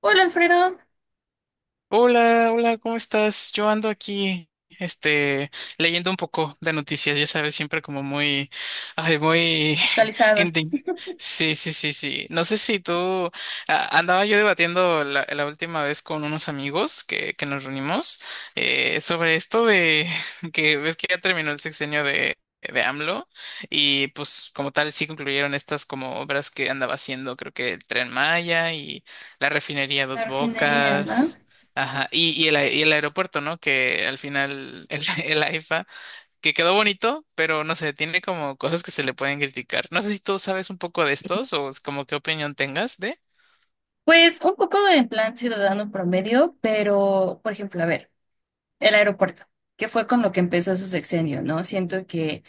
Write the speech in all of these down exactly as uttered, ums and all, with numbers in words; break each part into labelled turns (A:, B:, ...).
A: Hola, Alfredo.
B: Hola, hola, ¿cómo estás? Yo ando aquí, este, leyendo un poco de noticias, ya sabes, siempre como muy, ay, muy
A: Actualizado.
B: ending. Sí, sí, sí, sí. No sé si tú, a- andaba yo debatiendo la, la última vez con unos amigos que, que nos reunimos eh, sobre esto de que ves que ya terminó el sexenio de, de A M L O y pues como tal sí concluyeron estas como obras que andaba haciendo, creo que el Tren Maya y la refinería
A: La
B: Dos
A: refinería, ¿no?
B: Bocas. Ajá, y, y el, a- y el aeropuerto, ¿no? Que al final el, el A I F A, que quedó bonito, pero no sé, tiene como cosas que se le pueden criticar. No sé si tú sabes un poco de estos o es como qué opinión tengas de.
A: Pues un poco en plan ciudadano promedio, pero por ejemplo, a ver, el aeropuerto, que fue con lo que empezó su sexenio, ¿no? Siento que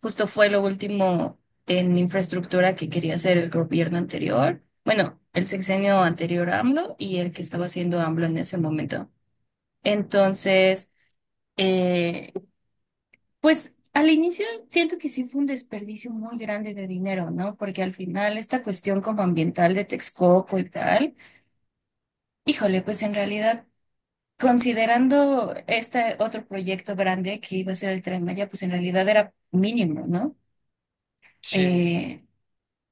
A: justo fue lo último en infraestructura que quería hacer el gobierno anterior, bueno, el sexenio anterior a AMLO y el que estaba haciendo AMLO en ese momento. Entonces, eh, pues al inicio siento que sí fue un desperdicio muy grande de dinero, ¿no? Porque al final esta cuestión como ambiental de Texcoco y tal, híjole, pues en realidad, considerando este otro proyecto grande que iba a ser el Tren Maya, pues en realidad era mínimo, ¿no?
B: Sí,
A: Eh,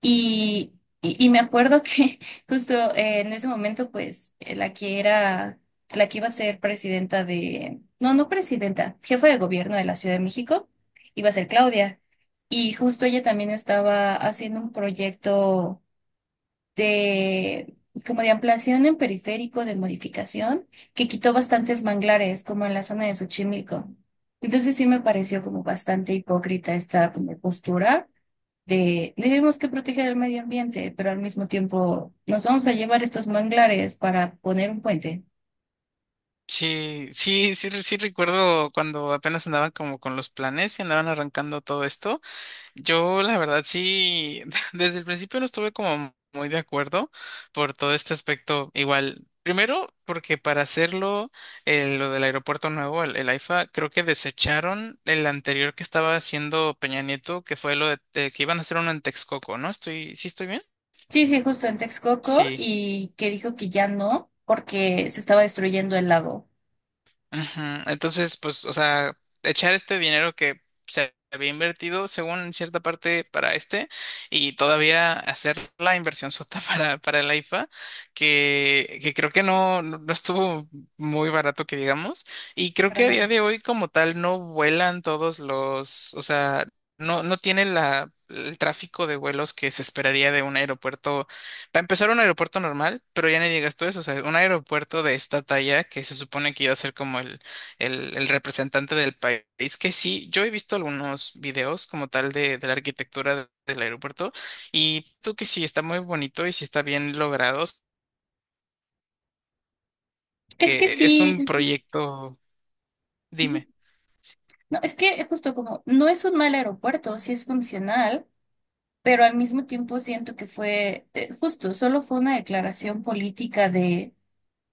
A: Y, y, y me acuerdo que justo eh, en ese momento, pues, eh, la que era, la que iba a ser presidenta de, no, no presidenta, jefa de gobierno de la Ciudad de México, iba a ser Claudia. Y justo ella también estaba haciendo un proyecto de, como de ampliación en periférico, de modificación, que quitó bastantes manglares, como en la zona de Xochimilco. Entonces sí me pareció como bastante hipócrita esta como postura de tenemos que proteger el medio ambiente, pero al mismo tiempo nos vamos a llevar estos manglares para poner un puente.
B: sí, sí, sí, re- sí recuerdo cuando apenas andaban como con los planes y andaban arrancando todo esto. Yo, la verdad, sí, desde el principio no estuve como muy de acuerdo por todo este aspecto. Igual, primero, porque para hacerlo, eh, lo del aeropuerto nuevo, el, el A I F A, creo que desecharon el anterior que estaba haciendo Peña Nieto, que fue lo de, de que iban a hacer uno en Texcoco, ¿no? Estoy, ¿sí estoy bien?
A: Sí, sí, justo en Texcoco,
B: Sí.
A: y que dijo que ya no porque se estaba destruyendo el lago.
B: Ujú. Entonces, pues, o sea, echar este dinero que se había invertido, según en cierta parte, para este, y todavía hacer la inversión sota para, para la I F A, que, que creo que no, no no estuvo muy barato, que digamos, y creo
A: Para
B: que a día
A: nada.
B: de hoy, como tal, no vuelan todos los, o sea, no, no tiene la, el tráfico de vuelos que se esperaría de un aeropuerto para empezar, un aeropuerto normal, pero ya ni digas tú eso, o sea, un aeropuerto de esta talla que se supone que iba a ser como el, el, el representante del país, que sí, yo he visto algunos videos como tal de, de la arquitectura de- del aeropuerto y tú que sí, está muy bonito y sí está bien logrado,
A: Es que
B: que es un
A: sí,
B: proyecto,
A: ujú.
B: dime.
A: No, es que justo como no es un mal aeropuerto, sí es funcional, pero al mismo tiempo siento que fue eh, justo, solo fue una declaración política de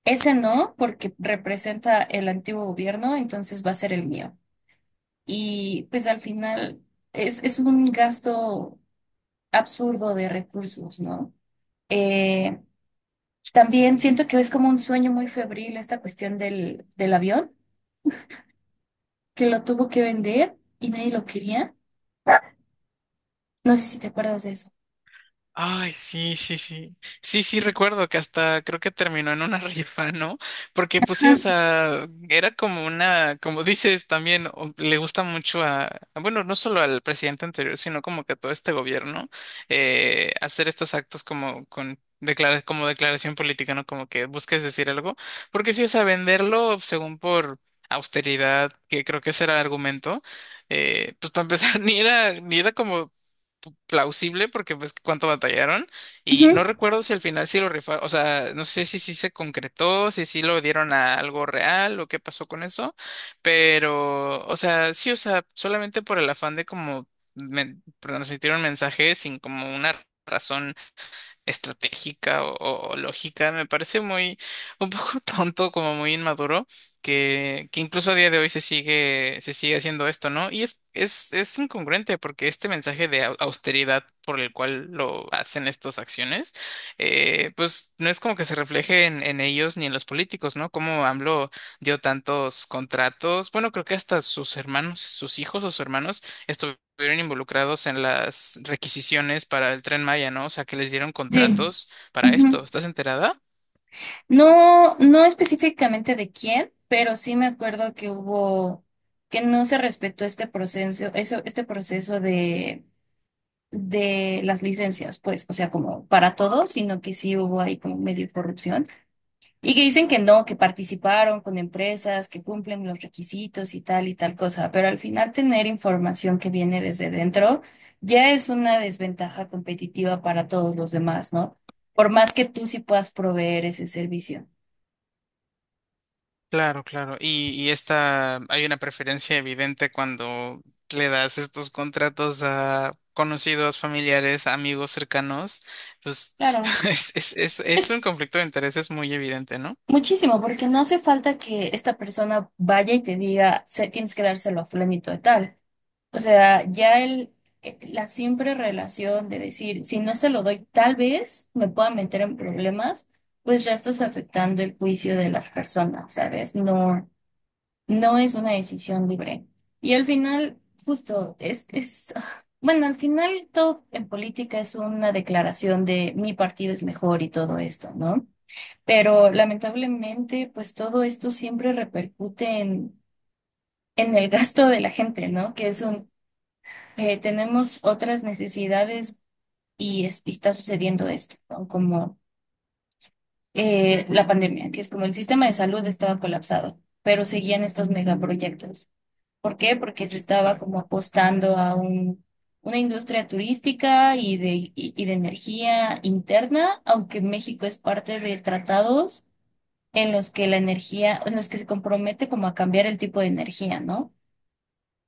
A: ese no porque representa el antiguo gobierno, entonces va a ser el mío. Y pues al final es, es un gasto absurdo de recursos, ¿no? Eh, también siento que es como un sueño muy febril esta cuestión del, del avión, que lo tuvo que vender y nadie lo quería. No sé si te acuerdas de eso.
B: Ay, sí, sí, sí. Sí, sí, recuerdo que hasta creo que terminó en una rifa, ¿no? Porque pues sí, o
A: Ajá,
B: sea, era como una, como dices también, o- le gusta mucho a, a- bueno, no solo al presidente anterior, sino como que a todo este gobierno, eh, hacer estos actos como con... declara- como declaración política, ¿no? Como que busques decir algo, porque sí, o sea, venderlo según por austeridad, que creo que ese era el argumento, eh, pues para empezar, ni era, ni era como plausible porque pues cuánto batallaron y
A: ujú,
B: no recuerdo si al final sí lo rifaron, o sea, no sé si sí se concretó, si sí lo dieron a algo real o qué pasó con eso, pero o sea, sí, o sea, solamente por el afán de como men- transmitir un mensaje sin como una razón estratégica o, o- o lógica. Me parece muy, un poco tonto, como muy inmaduro, que, que incluso a día de hoy se sigue, se sigue haciendo esto, ¿no? Y es, es, es incongruente porque este mensaje de au- austeridad por el cual lo hacen estas acciones, eh, pues no es como que se refleje en, en ellos ni en los políticos, ¿no? Como A M L O dio tantos contratos, bueno, creo que hasta sus hermanos, sus hijos o sus hermanos estuvieron involucrados en las requisiciones para el Tren Maya, ¿no? O sea, que les dieron
A: sí.
B: contratos para esto.
A: Ujú.
B: ¿Estás enterada?
A: No, no específicamente de quién, pero sí me acuerdo que hubo, que no se respetó este proceso, eso, este proceso de de las licencias, pues, o sea, como para todos, sino que sí hubo ahí como medio corrupción. Y que dicen que no, que participaron con empresas, que cumplen los requisitos y tal y tal cosa, pero al final tener información que viene desde dentro ya es una desventaja competitiva para todos los demás, ¿no? Por más que tú sí puedas proveer ese servicio.
B: Claro, claro. Y, y esta, hay una preferencia evidente cuando le das estos contratos a conocidos, familiares, amigos cercanos, pues
A: Claro,
B: es, es, es, es
A: es
B: un conflicto de intereses muy evidente, ¿no?
A: muchísimo, porque no hace falta que esta persona vaya y te diga, "Se- tienes que dárselo a fulanito de tal". O sea, ya el, eh, la siempre relación de decir, si no se lo doy, tal vez me pueda meter en problemas, pues ya estás afectando el juicio de las personas, ¿sabes? No, no es una decisión libre. Y al final, justo, es, es, ah, bueno, al final todo en política es una declaración de mi partido es mejor y todo esto, ¿no? Pero lamentablemente, pues todo esto siempre repercute en, en el gasto de la gente, ¿no? Que es un eh, tenemos otras necesidades y, es- y está sucediendo esto, ¿no? Como eh, la pandemia, que es como el sistema de salud estaba colapsado, pero seguían estos megaproyectos. ¿Por qué? Porque se estaba como apostando a un, una industria turística y de, y, y de energía interna, aunque México es parte de tratados en los que la energía, en los que se compromete como a cambiar el tipo de energía, ¿no?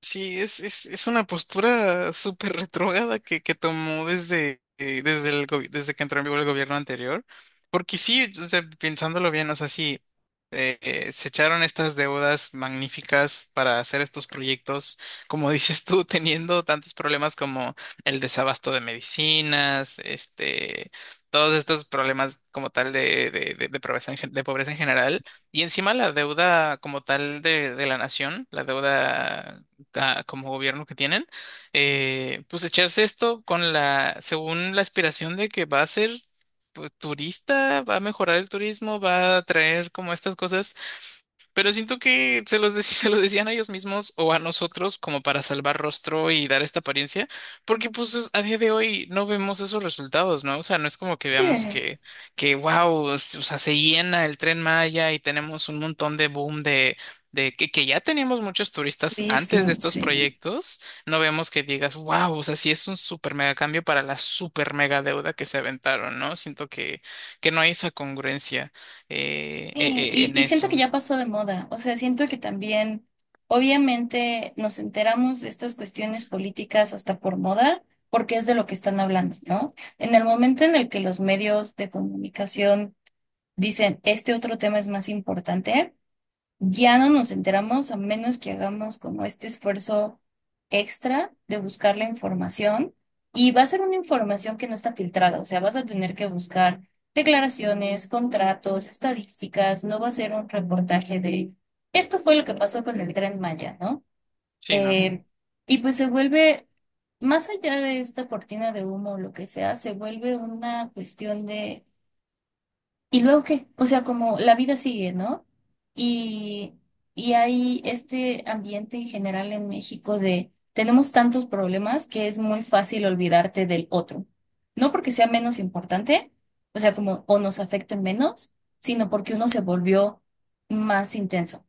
B: Sí, es, es, es una postura súper retrógrada que, que tomó desde, eh, desde, el, gobi- desde que entró en vigor el gobierno anterior. Porque sí, o sea, pensándolo bien, o sea, sí, eh, eh, se echaron estas deudas magníficas para hacer estos proyectos, como dices tú, teniendo tantos problemas como el desabasto de medicinas, este, todos estos problemas como tal de, de, de, de pobreza en, gen- de pobreza en general. Y encima la deuda como tal de, de la nación, la deuda ah, como gobierno que tienen, eh, pues echarse esto con la, según la aspiración de que va a ser pues, turista, va a mejorar el turismo, va a traer como estas cosas pero siento que se los, dec- se los decían a ellos mismos o a nosotros como para salvar rostro y dar esta apariencia, porque pues es- a día de hoy no vemos esos resultados, ¿no? O sea, no es como que
A: Sí,
B: veamos que, que wow, o sea, se llena el Tren Maya y tenemos un montón de boom de, de que, que ya teníamos muchos turistas antes de
A: turismo,
B: estos
A: sí.
B: proyectos, no vemos que digas, wow, o sea, sí es un super mega cambio para la super mega deuda que se aventaron, ¿no? Siento que, que no hay esa congruencia eh, eh,
A: Sí,
B: eh,
A: y,
B: en
A: y siento que
B: eso.
A: ya pasó de moda. O sea, siento que también, obviamente, nos enteramos de estas cuestiones políticas hasta por moda, porque es de lo que están hablando, ¿no? En el momento en el que los medios de comunicación dicen, este otro tema es más importante, ya no nos enteramos a menos que hagamos como este esfuerzo extra de buscar la información, y va a ser una información que no está filtrada, o sea, vas a tener que buscar declaraciones, contratos, estadísticas, no va a ser un reportaje de esto fue lo que pasó con el Tren Maya, ¿no?
B: Sí, no,
A: Eh, y pues se vuelve, más allá de esta cortina de humo o lo que sea, se vuelve una cuestión de ¿y luego qué? O sea, como la vida sigue, ¿no? Y, y hay este ambiente en general en México de tenemos tantos problemas que es muy fácil olvidarte del otro. No porque sea menos importante, o sea, como o nos afecten menos, sino porque uno se volvió más intenso.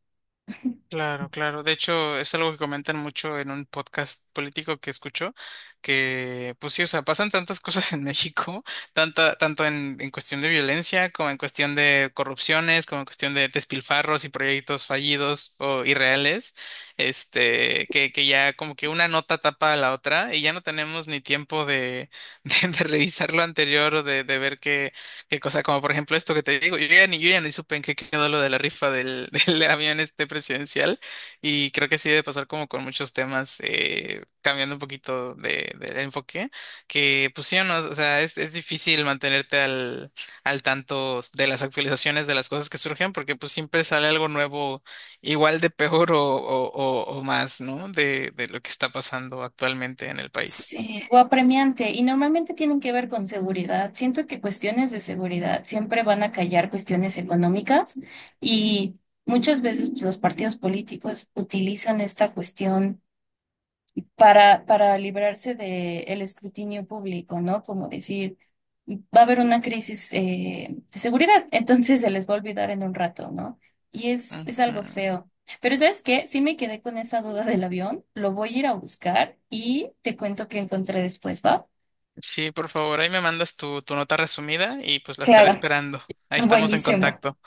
B: claro, claro. De hecho, es algo que comentan mucho en un podcast político que escucho, que pues sí, o sea, pasan tantas cosas en México, tanta, tanto en, en cuestión de violencia, como en cuestión de corrupciones, como en cuestión de despilfarros y proyectos fallidos o irreales, este, que, que ya como que una nota tapa a la otra y ya no tenemos ni tiempo de, de, de revisar lo anterior o de, de ver qué Qué cosa, como por ejemplo esto que te digo, yo ya ni, yo ya ni supe en qué quedó lo de la rifa del, del avión este presidencial y creo que sí debe pasar como con muchos temas, eh, cambiando un poquito de, del enfoque, que pues sí o no, o sea, es, es difícil mantenerte al, al tanto de las actualizaciones de las cosas que surgen porque pues siempre sale algo nuevo, igual de peor o, o, o, o más, ¿no? De, de lo que está pasando actualmente en el país.
A: Sí, o apremiante, y normalmente tienen que ver con seguridad. Siento que cuestiones de seguridad siempre van a callar cuestiones económicas y muchas veces los partidos políticos utilizan esta cuestión para, para librarse del escrutinio público, ¿no? Como decir, va a haber una crisis eh, de seguridad, entonces se les va a olvidar en un rato, ¿no? Y es, es algo
B: Ujú.
A: feo. Pero ¿sabes qué? Sí me quedé con esa duda del avión, lo voy a ir a buscar y te cuento qué encontré después, ¿va?
B: Sí, por favor, ahí me mandas tu, tu nota resumida y pues la estaré
A: Claro,
B: esperando. Ahí estamos en
A: buenísimo.
B: contacto.